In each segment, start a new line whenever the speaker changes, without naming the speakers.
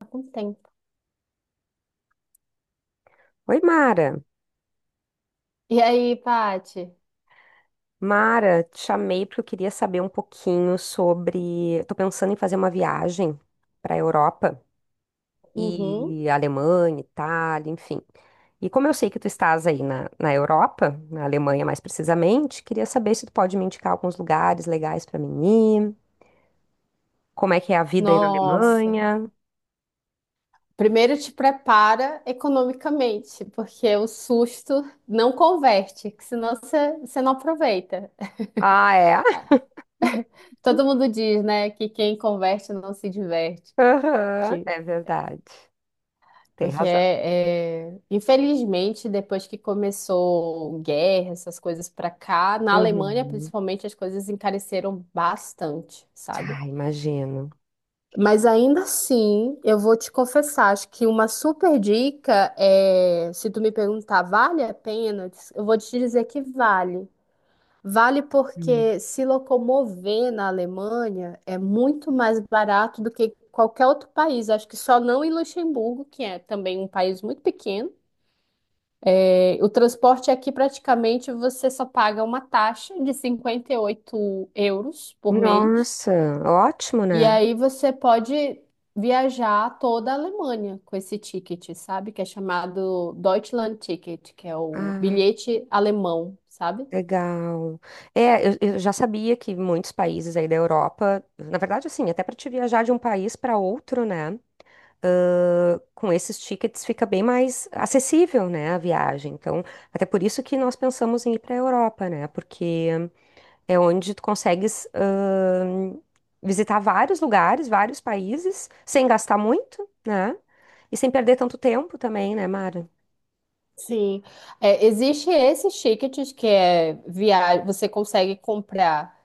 Tá com tempo.
Oi, Mara.
E aí, Paty?
Mara, te chamei porque eu queria saber um pouquinho sobre. Estou pensando em fazer uma viagem para a Europa
Uhum.
e Alemanha, Itália, enfim. E como eu sei que tu estás aí na Europa, na Alemanha mais precisamente, queria saber se tu pode me indicar alguns lugares legais para mim ir, como é que é a vida aí na
Nossa.
Alemanha.
Primeiro te prepara economicamente, porque o susto não converte, que senão você não aproveita.
Ah, é?
Todo mundo diz, né, que quem converte não se diverte.
Aham,
Que,
é verdade. Tem
porque,
razão.
é, é, Infelizmente, depois que começou guerra, essas coisas pra cá, na Alemanha,
Uhum.
principalmente, as coisas encareceram bastante, sabe?
Ah, imagino.
Mas ainda assim, eu vou te confessar, acho que uma super dica é, se tu me perguntar, vale a pena? Eu vou te dizer que vale. Vale
Hum.
porque se locomover na Alemanha é muito mais barato do que qualquer outro país. Acho que só não em Luxemburgo, que é também um país muito pequeno. É, o transporte aqui praticamente você só paga uma taxa de 58 euros por mês.
Nossa, ótimo,
E
né?
aí você pode viajar toda a Alemanha com esse ticket, sabe? Que é chamado Deutschland Ticket, que é o
Ah,
bilhete alemão, sabe?
legal. É, eu já sabia que muitos países aí da Europa, na verdade, assim, até para te viajar de um país para outro, né? Com esses tickets fica bem mais acessível, né, a viagem. Então, até por isso que nós pensamos em ir para a Europa, né? Porque é onde tu consegues visitar vários lugares, vários países, sem gastar muito, né? E sem perder tanto tempo também, né, Mara?
Sim. É, existe esse ticket que é via... você consegue comprar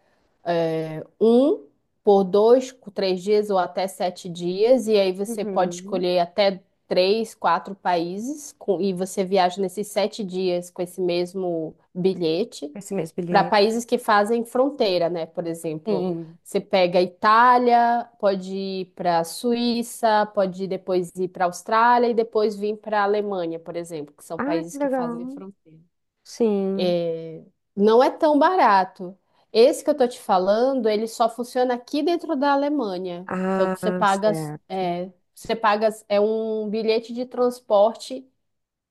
um por dois, três dias ou até sete dias, e aí você pode
Uhum.
escolher até três, quatro países, e você viaja nesses sete dias com esse mesmo bilhete
Esse mesmo
para
bilhete.
países que fazem fronteira, né? Por exemplo,
Sim.
você pega a Itália, pode ir para a Suíça, pode ir depois ir para a Austrália e depois vir para a Alemanha, por exemplo, que são
Ah,
países
que
que fazem
legal.
fronteira.
Sim.
É, não é tão barato. Esse que eu tô te falando, ele só funciona aqui dentro da Alemanha. Então, que
Ah, certo.
você paga é um bilhete de transporte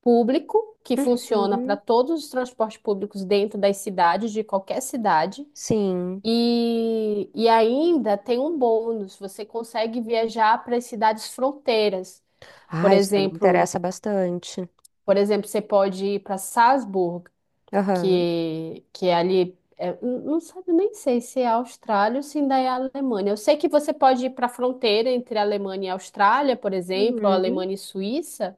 público que funciona para
Uhum.
todos os transportes públicos dentro das cidades, de qualquer cidade.
Sim.
E ainda tem um bônus, você consegue viajar para as cidades fronteiras. Por
Ah, isso aí me
exemplo,
interessa bastante.
por exemplo, você pode ir para Salzburg
Aham.
que é ali. É, não sabe, nem sei se é Austrália ou se ainda é Alemanha. Eu sei que você pode ir para a fronteira entre Alemanha e Austrália, por exemplo, ou
Uhum.
Alemanha e Suíça,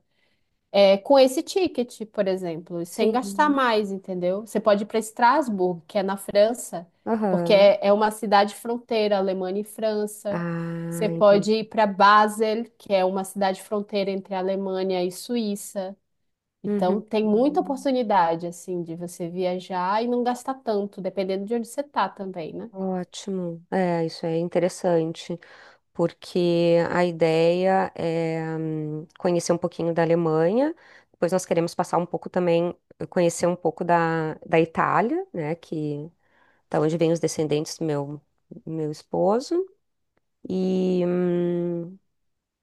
é, com esse ticket, por exemplo, sem gastar
Sim.
mais, entendeu? Você pode ir para Estrasburgo, que é na França, porque
Aham.
é, é uma cidade fronteira, Alemanha e França. Você
Ah,
pode ir
entendi.
para Basel, que é uma cidade fronteira entre Alemanha e Suíça. Então,
Uhum.
tem muita oportunidade, assim, de você viajar e não gastar tanto, dependendo de onde você tá também, né?
Ótimo. É, isso é interessante, porque a ideia é conhecer um pouquinho da Alemanha, depois nós queremos passar um pouco também, conhecer um pouco da Itália, né, que da onde vêm os descendentes do meu esposo. E, hum,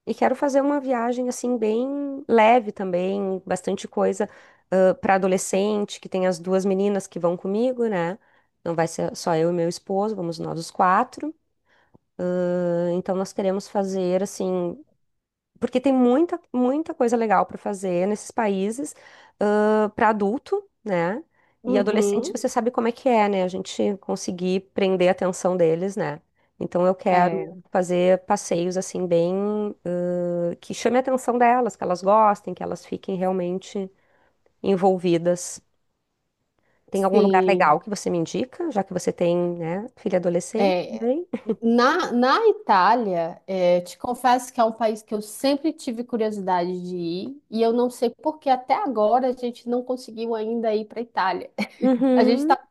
e quero fazer uma viagem assim bem leve também, bastante coisa para adolescente, que tem as duas meninas que vão comigo, né? Não vai ser só eu e meu esposo, vamos nós os quatro. Ah, então nós queremos fazer assim porque tem muita, muita coisa legal para fazer nesses países, para adulto, né? E adolescente, uhum,
Uhum.
você sabe como é que é, né? A gente conseguir prender a atenção deles, né? Então eu
É,
quero fazer passeios assim bem que chame a atenção delas, que elas gostem, que elas fiquem realmente envolvidas. Tem algum lugar
sim.
legal que você me indica, já que você tem, né, filha adolescente
É,
também?
na, na Itália, é, te confesso que é um país que eu sempre tive curiosidade de ir, e eu não sei por que até agora a gente não conseguiu ainda ir para Itália. A gente
Uhum,
tá,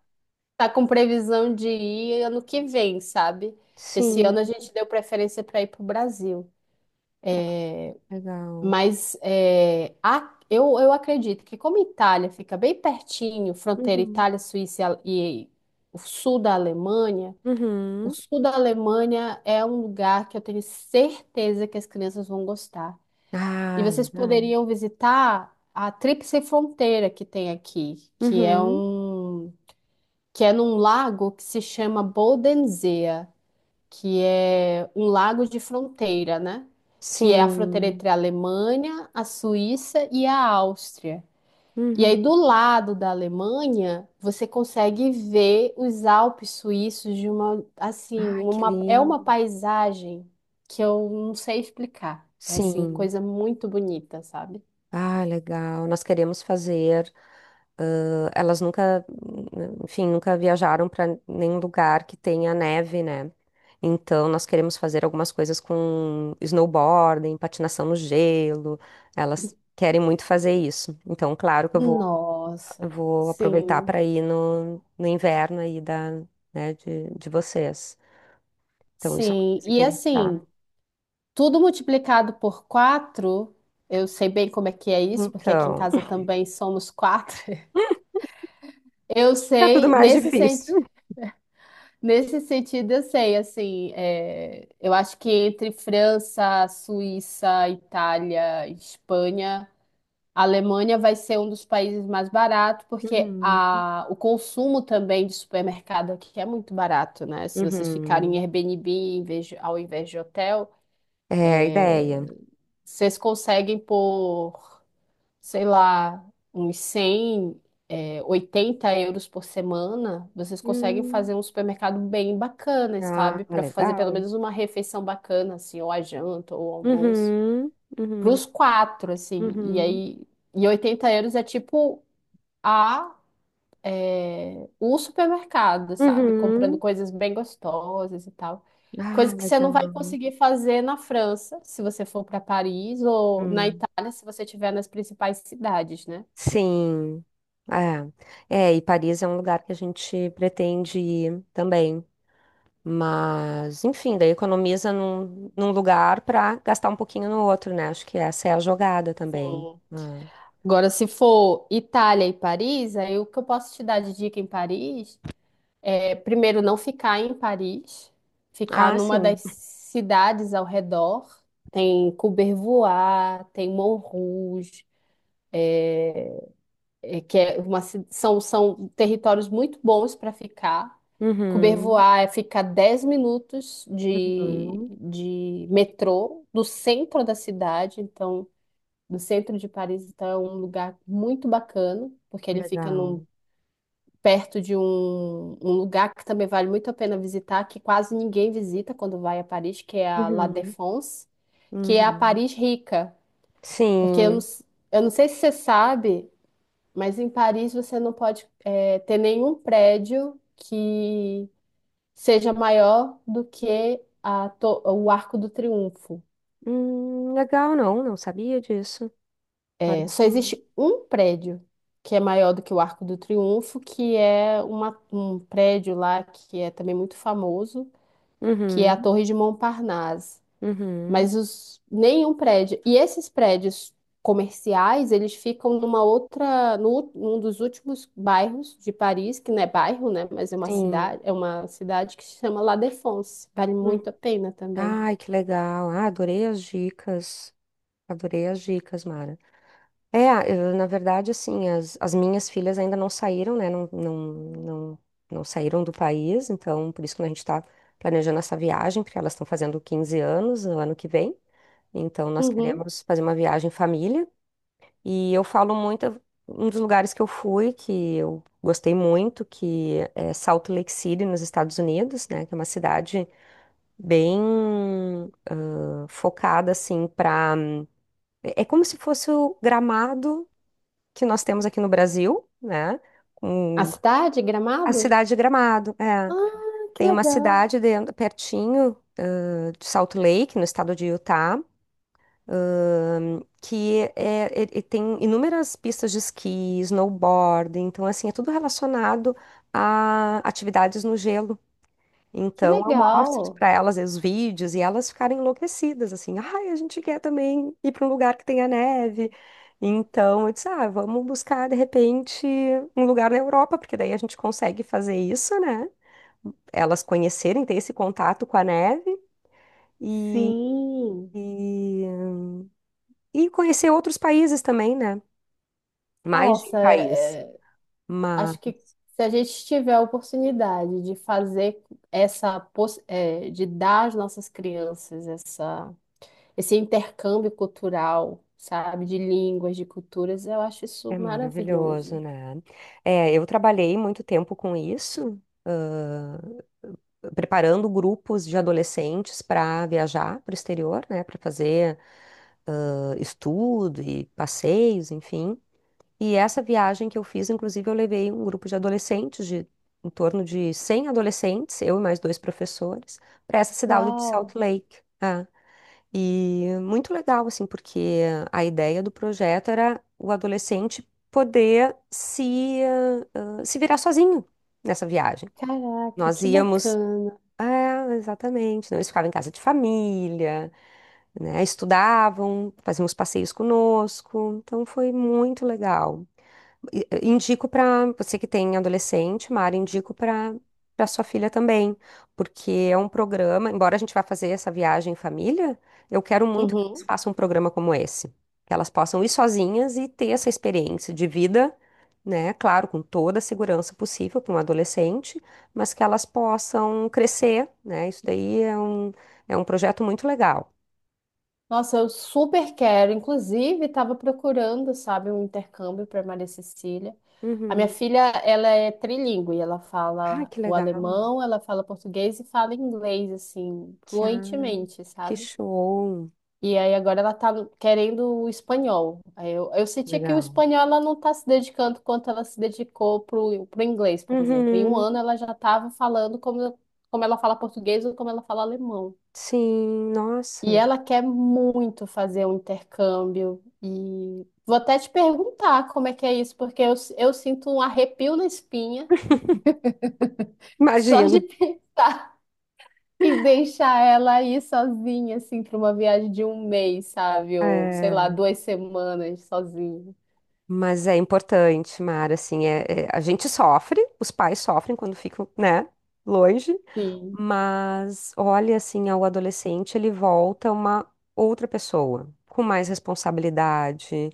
tá com previsão de ir ano que vem, sabe? Que esse
sim,
ano a gente deu preferência para ir para o Brasil.
legal.
Mas é, eu acredito que como Itália fica bem pertinho, fronteira
Uhum,
Itália, Suíça e, e o sul da Alemanha, o
uhum.
sul da Alemanha é um lugar que eu tenho certeza que as crianças vão gostar. E
Ah,
vocês
legal.
poderiam visitar a Tríplice Fronteira que tem aqui, que é
Uhum.
um que é num lago que se chama Bodensee, que é um lago de fronteira, né? Que é a fronteira
Sim.
entre a Alemanha, a Suíça e a Áustria. E
Uhum.
aí, do lado da Alemanha, você consegue ver os Alpes suíços de uma, assim,
Ah, que
uma, é uma
lindo.
paisagem que eu não sei explicar. É, assim,
Sim.
coisa muito bonita, sabe?
Ah, legal. Nós queremos fazer. Elas nunca, enfim, nunca viajaram para nenhum lugar que tenha neve, né? Então, nós queremos fazer algumas coisas com snowboarding, patinação no gelo. Elas querem muito fazer isso. Então, claro que eu vou, eu
Nossa,
vou aproveitar
sim,
para ir no inverno aí da, né, de vocês. Então, isso é uma
sim.
coisa que
E
a gente
assim,
tá.
tudo multiplicado por quatro, eu sei bem como é que é isso, porque aqui em
Então,
casa também somos quatro. Eu
fica tudo
sei,
mais difícil.
nesse sentido eu sei, assim, é, eu acho que entre França, Suíça, Itália, Espanha, a Alemanha vai ser um dos países mais baratos, porque
Uhum,
a, o consumo também de supermercado aqui é muito barato, né? Se vocês ficarem em
uhum.
Airbnb ao invés de hotel,
É a ideia.
vocês conseguem por sei lá, uns 100, é, 80 euros por semana, vocês conseguem fazer
Hum,
um supermercado bem bacana,
ah,
sabe? Para fazer pelo
legal.
menos uma refeição bacana, assim, ou a janta, ou o almoço.
Uhum,
Para
uhum,
os quatro, assim. E
uhum,
aí, e 80 euros é tipo a, é, o supermercado, sabe? Comprando
uhum.
coisas bem gostosas e tal.
Ah,
Coisa que você não vai
legal.
conseguir fazer na França, se você for para Paris, ou na
Hum.
Itália, se você estiver nas principais cidades, né?
Sim. É. É, e Paris é um lugar que a gente pretende ir também. Mas, enfim, daí economiza num lugar para gastar um pouquinho no outro, né? Acho que essa é a jogada também. Ah,
Agora, se for Itália e Paris, aí o que eu posso te dar de dica em Paris é, primeiro, não ficar em Paris, ficar
Ah,
numa das
sim.
cidades ao redor. Tem Courbevoie, tem Montrouge, é, que é uma, são, são territórios muito bons para ficar.
Uhum,
Courbevoie é ficar 10 minutos
uhum,
de metrô do centro da cidade, então do centro de Paris, então é um lugar muito bacana, porque ele fica num
legal.
perto de um, um lugar que também vale muito a pena visitar, que quase ninguém visita quando vai a Paris, que é a La
Uhum,
Défense, que é a
uhum.
Paris rica. Porque eu não,
Sim.
eu não sei se você sabe, mas em Paris você não pode, ter nenhum prédio que seja maior do que a o Arco do Triunfo.
Legal, não sabia disso. Olha
É, só
só.
existe um prédio que é maior do que o Arco do Triunfo, que é um prédio lá que é também muito famoso, que é
Uhum,
a Torre de Montparnasse.
uhum,
Mas os, nenhum prédio. E esses prédios comerciais, eles ficam numa outra, no, num dos últimos bairros de Paris, que não é bairro, né? Mas
sim.
é uma cidade que se chama La Défense. Vale
Hum.
muito a pena também.
Ai, que legal. Ah, adorei as dicas. Adorei as dicas, Mara. É, eu, na verdade, assim, as minhas filhas ainda não saíram, né? Não, não, não, não saíram do país, então por isso que a gente está planejando essa viagem, porque elas estão fazendo 15 anos no ano que vem. Então, nós
Uhum.
queremos fazer uma viagem família. E eu falo muito, um dos lugares que eu fui, que eu gostei muito, que é Salt Lake City, nos Estados Unidos, né? Que é uma cidade bem focada, assim, para... É como se fosse o Gramado que nós temos aqui no Brasil, né?
A
Com
cidade,
a
Gramado?
cidade de Gramado, é.
Ah, que
Tem uma
legal.
cidade dentro, pertinho, de Salt Lake, no estado de Utah, que tem inúmeras pistas de esqui, snowboard, então assim, é tudo relacionado a atividades no gelo.
Que
Então eu mostro
legal.
para elas os vídeos e elas ficarem enlouquecidas, assim, ai, a gente quer também ir para um lugar que tenha neve. Então eu disse, ah, vamos buscar de repente um lugar na Europa, porque daí a gente consegue fazer isso, né? Elas conhecerem, ter esse contato com a neve e,
Sim.
e conhecer outros países também, né? Mais de um
Nossa,
país. Mas
acho que se a gente tiver a oportunidade de fazer essa, de dar às nossas crianças essa, esse intercâmbio cultural, sabe, de línguas, de culturas, eu acho isso
é maravilhoso,
maravilhoso.
né? É, eu trabalhei muito tempo com isso, ãh, preparando grupos de adolescentes para viajar para o exterior, né? Para fazer, estudo e passeios, enfim. E essa viagem que eu fiz, inclusive, eu levei um grupo de adolescentes, de em torno de 100 adolescentes, eu e mais dois professores, para essa cidade de Salt
Uau,
Lake. Ah, e muito legal, assim, porque a ideia do projeto era o adolescente poder se, ah, ah, se virar sozinho nessa viagem.
caraca,
Nós
que
íamos.
bacana.
É, exatamente. Não, eles ficavam em casa de família, né? Estudavam, faziam os passeios conosco. Então foi muito legal. Indico para você que tem adolescente, Mara, indico para sua filha também, porque é um programa, embora a gente vá fazer essa viagem em família, eu quero muito que elas
Uhum.
façam um programa como esse, que elas possam ir sozinhas e ter essa experiência de vida, né? Claro, com toda a segurança possível para um adolescente, mas que elas possam crescer, né? Isso daí é um, projeto muito legal.
Nossa, eu super quero. Inclusive, estava procurando, sabe, um intercâmbio para Maria Cecília. A minha
Uhum.
filha, ela é trilingue, ela
Ai,
fala
que
o
legal.
alemão, ela fala português e fala inglês, assim,
Que, ah,
fluentemente,
que
sabe?
show.
E aí agora ela tá querendo o espanhol. Aí eu senti que o
Legal.
espanhol ela não tá se dedicando quanto ela se dedicou pro inglês, por exemplo. Em um
Uhum.
ano ela já estava falando como, como ela fala português ou como ela fala alemão.
Sim,
E
nossa,
ela quer muito fazer um intercâmbio. E vou até te perguntar como é que é isso, porque eu sinto um arrepio na espinha só de
imagino.
pensar em deixar ela aí sozinha, assim, para uma viagem de 1 mês, sabe? Ou sei lá,
É,
2 semanas sozinha.
mas é importante, Mara, assim, a gente sofre, os pais sofrem quando ficam, né, longe,
Sim,
mas olha, assim, ao adolescente ele volta uma outra pessoa, com mais responsabilidade.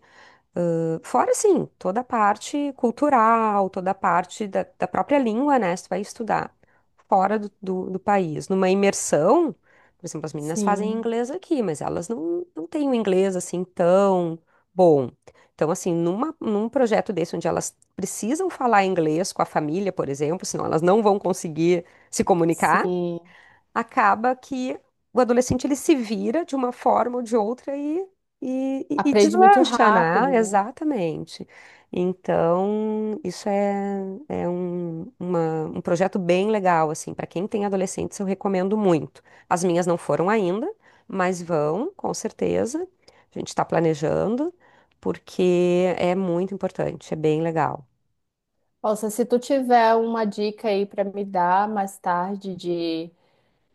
Ah, fora, assim, toda a parte cultural, toda a parte da própria língua, né? Se tu vai estudar fora do país, numa imersão, por exemplo, as meninas fazem
sim,
inglês aqui, mas elas não têm o inglês, assim, tão bom. Então, assim, numa, num projeto desse, onde elas precisam falar inglês com a família, por exemplo, senão elas não vão conseguir se comunicar,
sim.
acaba que o adolescente ele se vira de uma forma ou de outra e
Aprende muito
deslancha, né?
rápido, né?
Exatamente. Então, isso é, é um, uma- um projeto bem legal, assim, para quem tem adolescentes, eu recomendo muito. As minhas não foram ainda, mas vão, com certeza. A gente está planejando, porque é muito importante, é bem legal.
Nossa, se tu tiver uma dica aí para me dar mais tarde de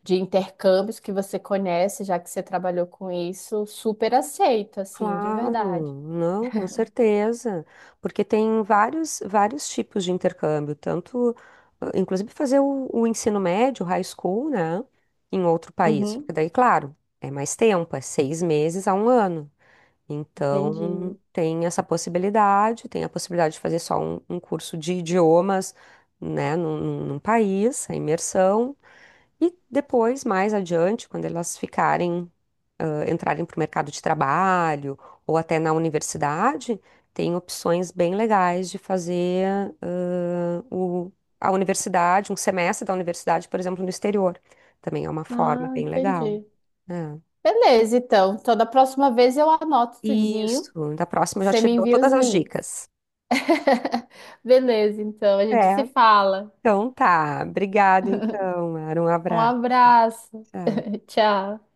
de intercâmbios que você conhece, já que você trabalhou com isso, super aceito, assim, de verdade.
Claro, não, com certeza, porque tem vários, vários tipos de intercâmbio, tanto, inclusive fazer o ensino médio, high school, né, em outro país, porque
Uhum,
daí, claro, é mais tempo, é 6 meses a um ano, então
entendi.
tem essa possibilidade, tem a possibilidade de fazer só um curso de idiomas, né, num país, a imersão, e depois, mais adiante, quando elas ficarem, entrarem para o mercado de trabalho ou até na universidade, tem opções bem legais de fazer ah, o- a universidade, um semestre da universidade, por exemplo, no exterior. Também é uma forma
Ah,
bem legal,
entendi.
né?
Beleza, então. Então, da próxima vez eu anoto tudinho.
Isso, da próxima eu já
Você
te
me
dou
envia os
todas as
links.
dicas.
Beleza, então. A gente
É,
se fala.
então tá. Obrigada, então. Era um
Um
abraço.
abraço.
Tchau.
Tchau.